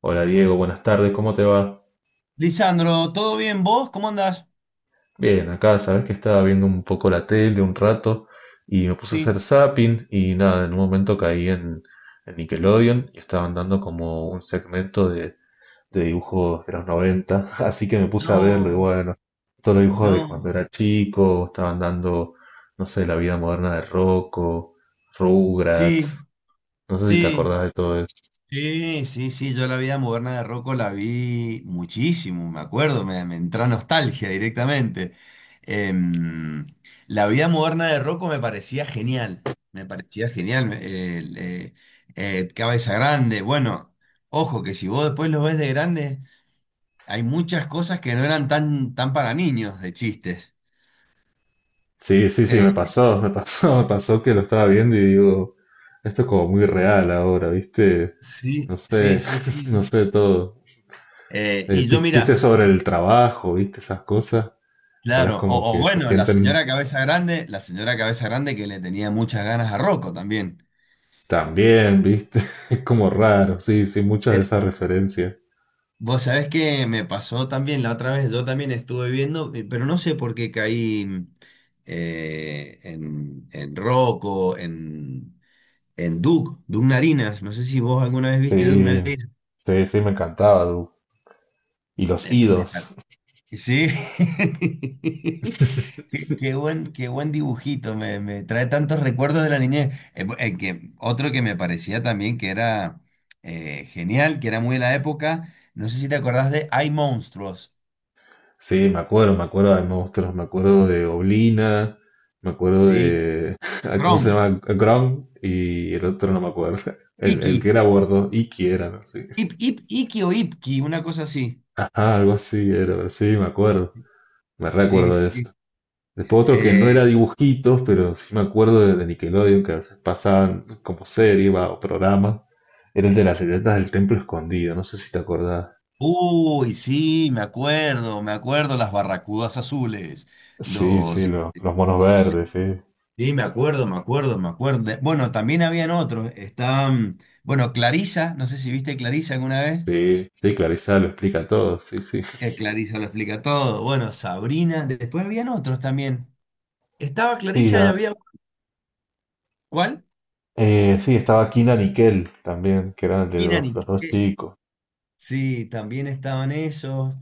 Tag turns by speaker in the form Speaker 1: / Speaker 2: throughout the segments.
Speaker 1: Hola Diego, buenas tardes, ¿cómo te va?
Speaker 2: Lisandro, ¿todo bien? ¿Vos? ¿Cómo andás?
Speaker 1: Bien, acá sabes que estaba viendo un poco la tele un rato y me puse a hacer
Speaker 2: Sí.
Speaker 1: zapping y nada, en un momento caí en Nickelodeon y estaban dando como un segmento de dibujos de los 90, así que me puse a verlo y
Speaker 2: No,
Speaker 1: bueno, todos los dibujos de
Speaker 2: no.
Speaker 1: cuando era chico, estaban dando, no sé, la vida moderna de Rocco,
Speaker 2: Sí,
Speaker 1: Rugrats, no sé si te
Speaker 2: sí.
Speaker 1: acordás de todo eso.
Speaker 2: Sí, sí, sí. Yo la vida moderna de Rocco la vi muchísimo, me acuerdo, me entra nostalgia directamente. Em, la vida moderna de Rocco me parecía genial. Me parecía genial. Cabeza Grande. Bueno, ojo que si vos después lo ves de grande, hay muchas cosas que no eran tan para niños de chistes.
Speaker 1: Sí, sí, sí,
Speaker 2: Eh,
Speaker 1: me pasó que lo estaba viendo y digo, esto es como muy real ahora, ¿viste? No
Speaker 2: Sí, sí,
Speaker 1: sé,
Speaker 2: sí,
Speaker 1: no
Speaker 2: sí.
Speaker 1: sé todo.
Speaker 2: Eh,
Speaker 1: Eh,
Speaker 2: y yo,
Speaker 1: chi- chistes
Speaker 2: mira,
Speaker 1: sobre el trabajo, ¿viste? Esas cosas. Ahora es
Speaker 2: claro,
Speaker 1: como
Speaker 2: o
Speaker 1: que se
Speaker 2: bueno, la
Speaker 1: sienten
Speaker 2: señora Cabeza Grande, la señora Cabeza Grande que le tenía muchas ganas a Rocco también.
Speaker 1: tan bien, ¿viste? Es como raro, sí, sí, muchas de
Speaker 2: Eh,
Speaker 1: esas referencias.
Speaker 2: vos sabés que me pasó también la otra vez, yo también estuve viendo, pero no sé por qué caí en Rocco, en, Doug Narinas. No sé si vos alguna vez viste Doug
Speaker 1: Sí,
Speaker 2: Narinas.
Speaker 1: sí, sí, me encantaba, Du. Y los
Speaker 2: No, me,
Speaker 1: idos.
Speaker 2: Sí, qué buen dibujito, me trae tantos recuerdos de la niñez. Otro que me parecía también que era genial, que era muy de la época, no sé si te acordás de Hay Monstruos.
Speaker 1: Sí, me acuerdo de monstruos, me acuerdo de Oblina, me acuerdo
Speaker 2: Sí,
Speaker 1: de ah, ¿cómo se
Speaker 2: Chrome,
Speaker 1: llama? Grom y el otro no me acuerdo. El
Speaker 2: Iki,
Speaker 1: que era gordo, y que era, no sé.
Speaker 2: Iki o Ipki, una cosa así.
Speaker 1: Ajá, algo así era, sí, me acuerdo. Me
Speaker 2: Sí,
Speaker 1: recuerdo de eso.
Speaker 2: sí.
Speaker 1: Después otro que no
Speaker 2: Eh,
Speaker 1: era dibujitos, pero sí me acuerdo de Nickelodeon, que a veces pasaban como serie va, o programa. Era el de las letras del templo escondido, no sé si te acordás.
Speaker 2: uy, sí, me acuerdo, las barracudas azules,
Speaker 1: Sí, sí,
Speaker 2: los...
Speaker 1: los monos verdes, sí.
Speaker 2: Sí, me acuerdo, me acuerdo, me acuerdo. Bueno, también habían otros. Estaban, bueno, Clarisa, no sé si viste Clarisa alguna vez.
Speaker 1: Sí, sí, Clarissa lo explica todo, sí, sí.
Speaker 2: Clarisa lo explica todo. Bueno, Sabrina. Después habían otros también. Estaba
Speaker 1: Sí,
Speaker 2: Clarisa y
Speaker 1: ah,
Speaker 2: había... ¿Cuál?
Speaker 1: sí, estaba Kina Nickel también, que eran de
Speaker 2: Kinan
Speaker 1: dos,
Speaker 2: y
Speaker 1: los dos
Speaker 2: qué.
Speaker 1: chicos.
Speaker 2: Sí, también estaban esos.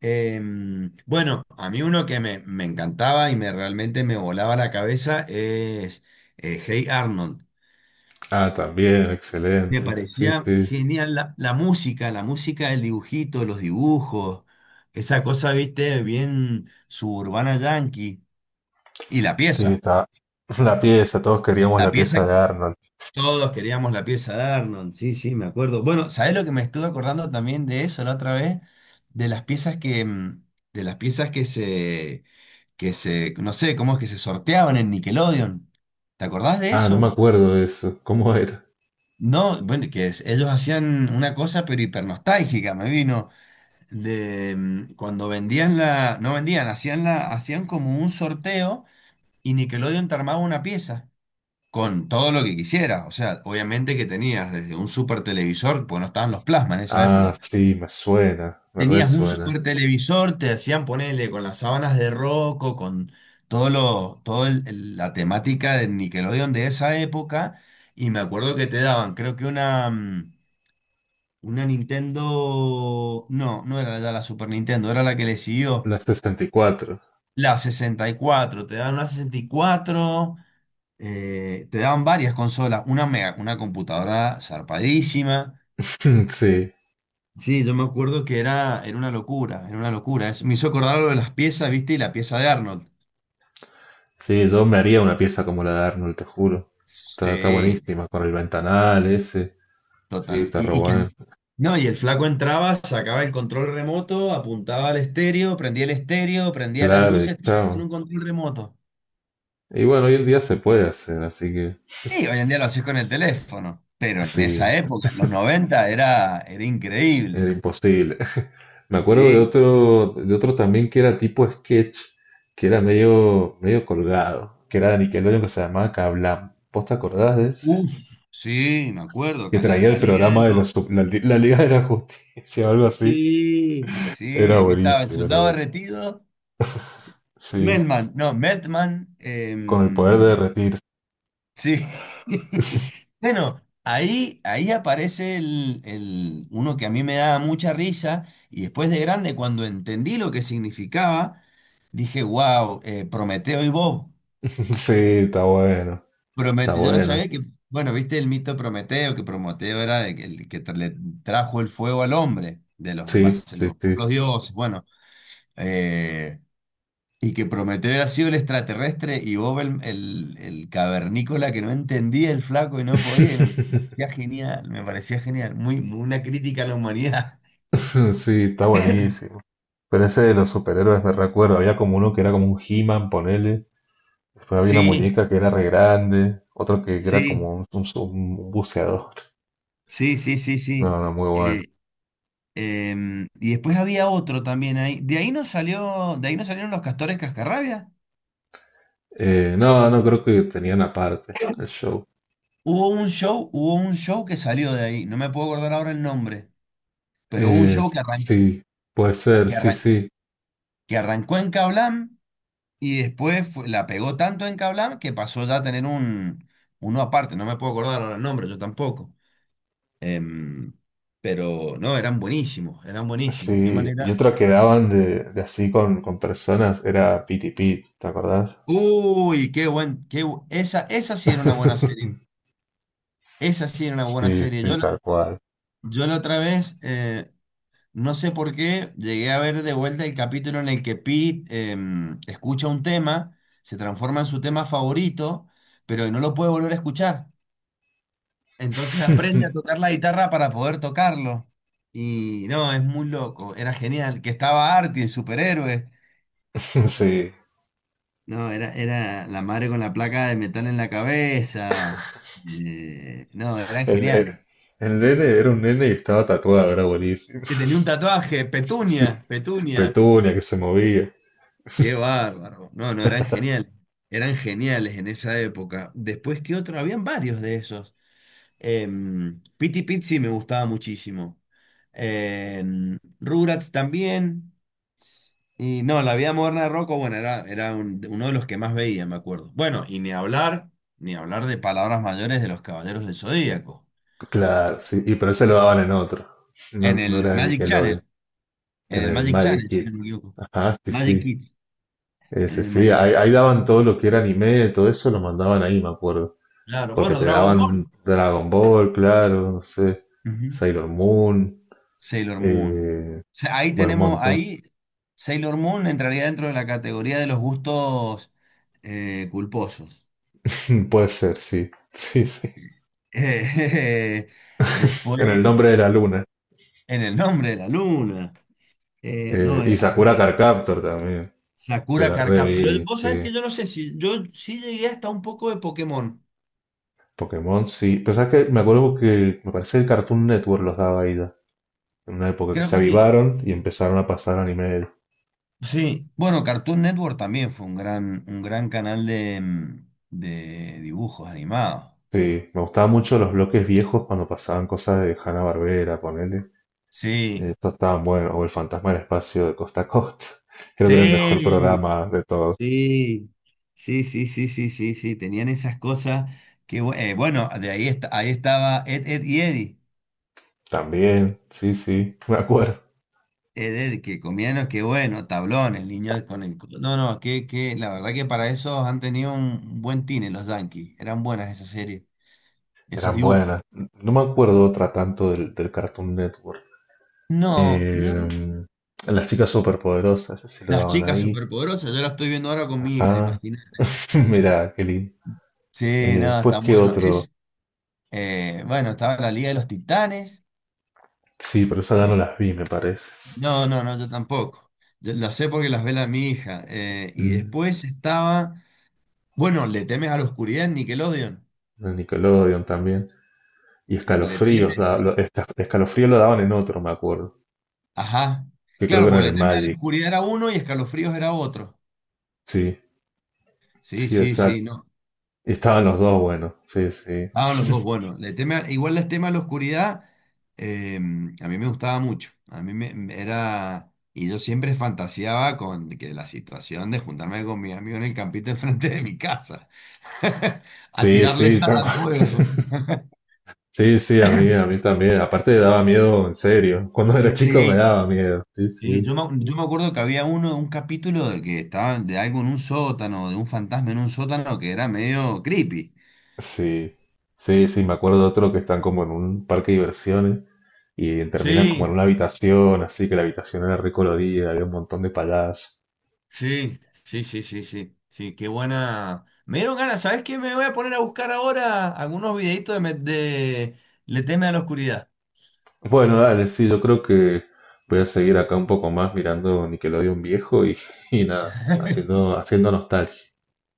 Speaker 2: Bueno, a mí uno que me encantaba y me realmente me volaba la cabeza es Hey Arnold.
Speaker 1: Ah, también,
Speaker 2: Me
Speaker 1: excelente. Sí,
Speaker 2: parecía
Speaker 1: sí.
Speaker 2: genial la música, el dibujito, los dibujos, esa cosa, viste, bien suburbana yankee. Y la
Speaker 1: Sí,
Speaker 2: pieza,
Speaker 1: está la pieza, todos queríamos
Speaker 2: la
Speaker 1: la
Speaker 2: pieza,
Speaker 1: pieza de Arnold.
Speaker 2: todos queríamos la pieza de Arnold, sí, sí, me acuerdo. Bueno, ¿sabés lo que me estuve acordando también de eso la otra vez? De las piezas que, de las piezas no sé cómo es que se sorteaban en Nickelodeon. ¿Te acordás de
Speaker 1: Ah, no me
Speaker 2: eso?
Speaker 1: acuerdo de eso. ¿Cómo era?
Speaker 2: No, bueno, ellos hacían una cosa pero hipernostálgica, me vino. Cuando vendían la, no vendían, hacían la, hacían como un sorteo y Nickelodeon te armaba una pieza con todo lo que quisiera. O sea, obviamente que tenías desde un super televisor, pues no estaban los plasmas en esa
Speaker 1: Ah,
Speaker 2: época.
Speaker 1: sí, me suena, me
Speaker 2: Tenías un
Speaker 1: resuena.
Speaker 2: super televisor, te hacían ponerle con las sábanas de Rocco, con todo lo, todo el- la temática de Nickelodeon de esa época. Y me acuerdo que te daban, creo que una Nintendo, no, no era ya la Super Nintendo, era la que le siguió.
Speaker 1: La 64.
Speaker 2: La 64 te dan una 64, te daban varias consolas, una mega, una computadora zarpadísima.
Speaker 1: Sí,
Speaker 2: Sí, yo me acuerdo que era, una locura, era una locura. Eso me hizo acordar lo de las piezas, ¿viste? Y la pieza de Arnold.
Speaker 1: sí, yo me haría una pieza como la de Arnold, te juro. Está, está
Speaker 2: Sí,
Speaker 1: buenísima, con el ventanal ese. Sí,
Speaker 2: total.
Speaker 1: está re
Speaker 2: Y, que,
Speaker 1: bueno.
Speaker 2: no, y el flaco entraba, sacaba el control remoto, apuntaba al estéreo, prendía el estéreo, prendía las
Speaker 1: Claro, y
Speaker 2: luces, todo con
Speaker 1: chao.
Speaker 2: un control remoto.
Speaker 1: Y bueno, hoy en día se puede hacer, así que
Speaker 2: Y hoy en día lo haces con el teléfono, pero en
Speaker 1: sí.
Speaker 2: esa época, en los 90 era,
Speaker 1: Era
Speaker 2: increíble.
Speaker 1: imposible. Me acuerdo
Speaker 2: Sí,
Speaker 1: de otro también que era tipo sketch, que era medio, medio colgado, que era de Nickelodeon que se llamaba Kablam. ¿Vos te acordás de ese?
Speaker 2: uf, sí, me acuerdo,
Speaker 1: Que
Speaker 2: acá la,
Speaker 1: traía
Speaker 2: la
Speaker 1: el
Speaker 2: Liga de
Speaker 1: programa de los,
Speaker 2: los...
Speaker 1: la Liga de la Justicia o algo así.
Speaker 2: sí, sí,
Speaker 1: Era
Speaker 2: el que estaba el
Speaker 1: buenísimo, era
Speaker 2: soldado
Speaker 1: buenísimo.
Speaker 2: derretido,
Speaker 1: Sí,
Speaker 2: Melman, no, Meltman,
Speaker 1: con el poder de
Speaker 2: em,
Speaker 1: derretir.
Speaker 2: sí. Bueno, ahí aparece uno que a mí me daba mucha risa y después de grande, cuando entendí lo que significaba, dije, wow, Prometeo y Bob.
Speaker 1: Sí, está bueno, está
Speaker 2: Prometeo, yo no
Speaker 1: bueno.
Speaker 2: sabía que, bueno, viste el mito Prometeo, que Prometeo era el que le trajo el fuego al hombre, de los,
Speaker 1: Sí,
Speaker 2: más, de
Speaker 1: sí,
Speaker 2: los,
Speaker 1: sí.
Speaker 2: los dioses, bueno, eh, y que Prometeo ha sido el extraterrestre y Bob el cavernícola que no entendía el flaco y no podía, y no, me parecía genial, muy, muy una crítica a la humanidad.
Speaker 1: Sí, está buenísimo. Pero ese de los superhéroes me recuerdo. Había como uno que era como un He-Man, ponele. Después había una
Speaker 2: Sí,
Speaker 1: muñeca que era re grande, otro que era
Speaker 2: sí,
Speaker 1: como un, un buceador.
Speaker 2: sí, sí, sí, sí.
Speaker 1: No, no, muy bueno.
Speaker 2: Eh, y después había otro también ahí. De ahí no salió, de ahí no salieron los castores cascarrabia.
Speaker 1: No, no creo que tenían aparte el show.
Speaker 2: Hubo un show que salió de ahí, no me puedo acordar ahora el nombre, pero hubo un show
Speaker 1: Sí, puede ser,
Speaker 2: que,
Speaker 1: sí,
Speaker 2: arran-
Speaker 1: sí.
Speaker 2: que arrancó en Cablam y después la pegó tanto en Cablam que pasó ya a tener uno aparte, no me puedo acordar ahora el nombre, yo tampoco. Em, pero no, eran buenísimos, qué
Speaker 1: Sí,
Speaker 2: manera.
Speaker 1: y otra que daban de así con personas era Piti Pit, ¿te acordás?
Speaker 2: Uy, qué buen, qué bu- esa sí era una buena serie, esa sí era una buena
Speaker 1: Sí,
Speaker 2: serie.
Speaker 1: sí,
Speaker 2: Yo, la-
Speaker 1: tal cual.
Speaker 2: yo la otra vez, no sé por qué llegué a ver de vuelta el capítulo en el que Pete escucha un tema, se transforma en su tema favorito, pero no lo puede volver a escuchar. Entonces aprende a tocar la guitarra para poder tocarlo. Y no, es muy loco, era genial. Que estaba Artie, el superhéroe.
Speaker 1: Sí,
Speaker 2: No, era, la madre con la placa de metal en la cabeza. No, eran
Speaker 1: el, el,
Speaker 2: geniales.
Speaker 1: el nene era un nene y estaba tatuado, era buenísimo.
Speaker 2: Que tenía un tatuaje,
Speaker 1: Sí,
Speaker 2: Petunia, Petunia.
Speaker 1: Petunia que se movía.
Speaker 2: Qué bárbaro. No, no, eran geniales. Eran geniales en esa época. Después, ¿qué otro? Habían varios de esos. Piti Pizzi me gustaba muchísimo. Rugrats también. Y no, La Vida Moderna de Rocco, bueno, era, era uno de los que más veía, me acuerdo. Bueno, y ni hablar, ni hablar de palabras mayores de los Caballeros del Zodíaco.
Speaker 1: Claro, sí, y pero ese lo daban en otro.
Speaker 2: En
Speaker 1: No, no
Speaker 2: el
Speaker 1: era de
Speaker 2: Magic
Speaker 1: Nickelodeon,
Speaker 2: Channel. En
Speaker 1: en
Speaker 2: el
Speaker 1: el
Speaker 2: Magic
Speaker 1: Magic
Speaker 2: Channel, si
Speaker 1: Kid.
Speaker 2: no me equivoco.
Speaker 1: Ajá, sí,
Speaker 2: Magic
Speaker 1: sí.
Speaker 2: Kids. En
Speaker 1: Ese
Speaker 2: el
Speaker 1: sí,
Speaker 2: Magic.
Speaker 1: ahí, ahí daban todo lo que era anime, todo eso lo mandaban ahí, me acuerdo.
Speaker 2: Claro,
Speaker 1: Porque
Speaker 2: bueno,
Speaker 1: te
Speaker 2: Dragon Ball.
Speaker 1: daban Dragon Ball, claro, no sé,
Speaker 2: Ujú.
Speaker 1: Sailor Moon,
Speaker 2: Sailor Moon.
Speaker 1: eh,
Speaker 2: O sea,
Speaker 1: bueno, un montón.
Speaker 2: ahí Sailor Moon entraría dentro de la categoría de los gustos culposos.
Speaker 1: Puede ser, sí, sí, sí.
Speaker 2: Eh,
Speaker 1: En el nombre
Speaker 2: después,
Speaker 1: de la luna.
Speaker 2: en el nombre de la luna. No,
Speaker 1: Y
Speaker 2: a ver,
Speaker 1: Sakura Card Captor también, de
Speaker 2: Sakura
Speaker 1: la
Speaker 2: Carcap. Pero
Speaker 1: revista,
Speaker 2: vos sabés
Speaker 1: sí.
Speaker 2: que yo no sé si yo sí llegué hasta un poco de Pokémon.
Speaker 1: Pokémon, sí. Pero sabes que me acuerdo que me parece que el Cartoon Network los daba ahí, en una época que
Speaker 2: Creo
Speaker 1: se
Speaker 2: que sí.
Speaker 1: avivaron y empezaron a pasar anime.
Speaker 2: Sí. Bueno, Cartoon Network también fue un gran canal de dibujos animados.
Speaker 1: Sí, me gustaban mucho los bloques viejos cuando pasaban cosas de Hanna-Barbera, ponele.
Speaker 2: Sí,
Speaker 1: Eso estaban buenos, o El Fantasma del Espacio de Costa a Costa. Creo que era el mejor
Speaker 2: sí.
Speaker 1: programa de todos.
Speaker 2: Sí, sí, sí, sí, sí, sí, sí, tenían esas cosas bueno, de ahí, ahí estaba Ed, Ed y Eddie,
Speaker 1: También, sí, sí, me acuerdo.
Speaker 2: Ed, Ed, que comían, lo que bueno, tablón, el niño con el... No, no, que la verdad que para eso han tenido un buen tine los Yankees, eran buenas esas series, esos
Speaker 1: Eran
Speaker 2: dibujos.
Speaker 1: buenas. No me acuerdo otra tanto del, del Cartoon Network.
Speaker 2: No,
Speaker 1: Eh, las chicas superpoderosas, ese sí lo
Speaker 2: las
Speaker 1: daban
Speaker 2: chicas
Speaker 1: ahí.
Speaker 2: superpoderosas, yo las estoy viendo ahora con mi hija,
Speaker 1: Ajá.
Speaker 2: imagínate.
Speaker 1: Mirá, qué lindo.
Speaker 2: Sí, no,
Speaker 1: Después,
Speaker 2: están
Speaker 1: ¿qué
Speaker 2: bueno.
Speaker 1: otro?
Speaker 2: Estaba la Liga de los Titanes.
Speaker 1: Sí, pero esas ya
Speaker 2: eh,
Speaker 1: no las vi, me parece.
Speaker 2: No, no, no, yo tampoco. Yo las sé porque las vela mi hija. Y
Speaker 1: Mm,
Speaker 2: después estaba. Bueno, ¿le temes a la oscuridad en Nickelodeon?
Speaker 1: de Nickelodeon también. Y
Speaker 2: En Le
Speaker 1: escalofríos,
Speaker 2: temes-
Speaker 1: escalofrío lo daban en otro, me acuerdo,
Speaker 2: Ajá.
Speaker 1: que creo que
Speaker 2: Claro,
Speaker 1: era
Speaker 2: porque
Speaker 1: en
Speaker 2: le
Speaker 1: el
Speaker 2: temes a la
Speaker 1: Magic.
Speaker 2: oscuridad era uno y escalofríos era otro.
Speaker 1: Sí,
Speaker 2: Sí,
Speaker 1: sí,
Speaker 2: sí,
Speaker 1: exacto.
Speaker 2: sí, no.
Speaker 1: Y estaban los dos, bueno, sí, sí.
Speaker 2: Estaban los dos, bueno. Igual les teme a la oscuridad. A mí me gustaba mucho. A mí me era. Y yo siempre fantaseaba con que la situación de juntarme con mi amigo en el campito enfrente de mi casa a
Speaker 1: Sí,
Speaker 2: tirarle
Speaker 1: sí,
Speaker 2: sal
Speaker 1: tal
Speaker 2: al
Speaker 1: cual.
Speaker 2: fuego.
Speaker 1: Sí, sí, a mí también. Aparte daba miedo, en serio. Cuando era chico me
Speaker 2: Sí,
Speaker 1: daba miedo. Sí,
Speaker 2: sí,
Speaker 1: sí.
Speaker 2: yo me acuerdo que había un capítulo de que estaban de algo en un sótano, de un fantasma en un sótano que era medio creepy.
Speaker 1: Sí, sí, sí, me acuerdo de otro que están como en un parque de diversiones y terminan como en
Speaker 2: Sí,
Speaker 1: una habitación, así que la habitación era recolorida, había un montón de payasos.
Speaker 2: sí, sí, sí, sí, sí, sí, qué buena. Me dieron ganas, ¿sabes qué? Me voy a poner a buscar ahora algunos videitos de Le teme a la oscuridad.
Speaker 1: Bueno, dale, sí, yo creo que voy a seguir acá un poco más mirando Nickelodeon viejo y, y nada, haciendo, haciendo nostalgia.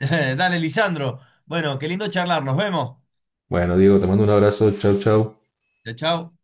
Speaker 2: Dale, Lisandro. Bueno, qué lindo charlar, nos vemos.
Speaker 1: Bueno, Diego, te mando un abrazo, chau, chau.
Speaker 2: Chao, chao.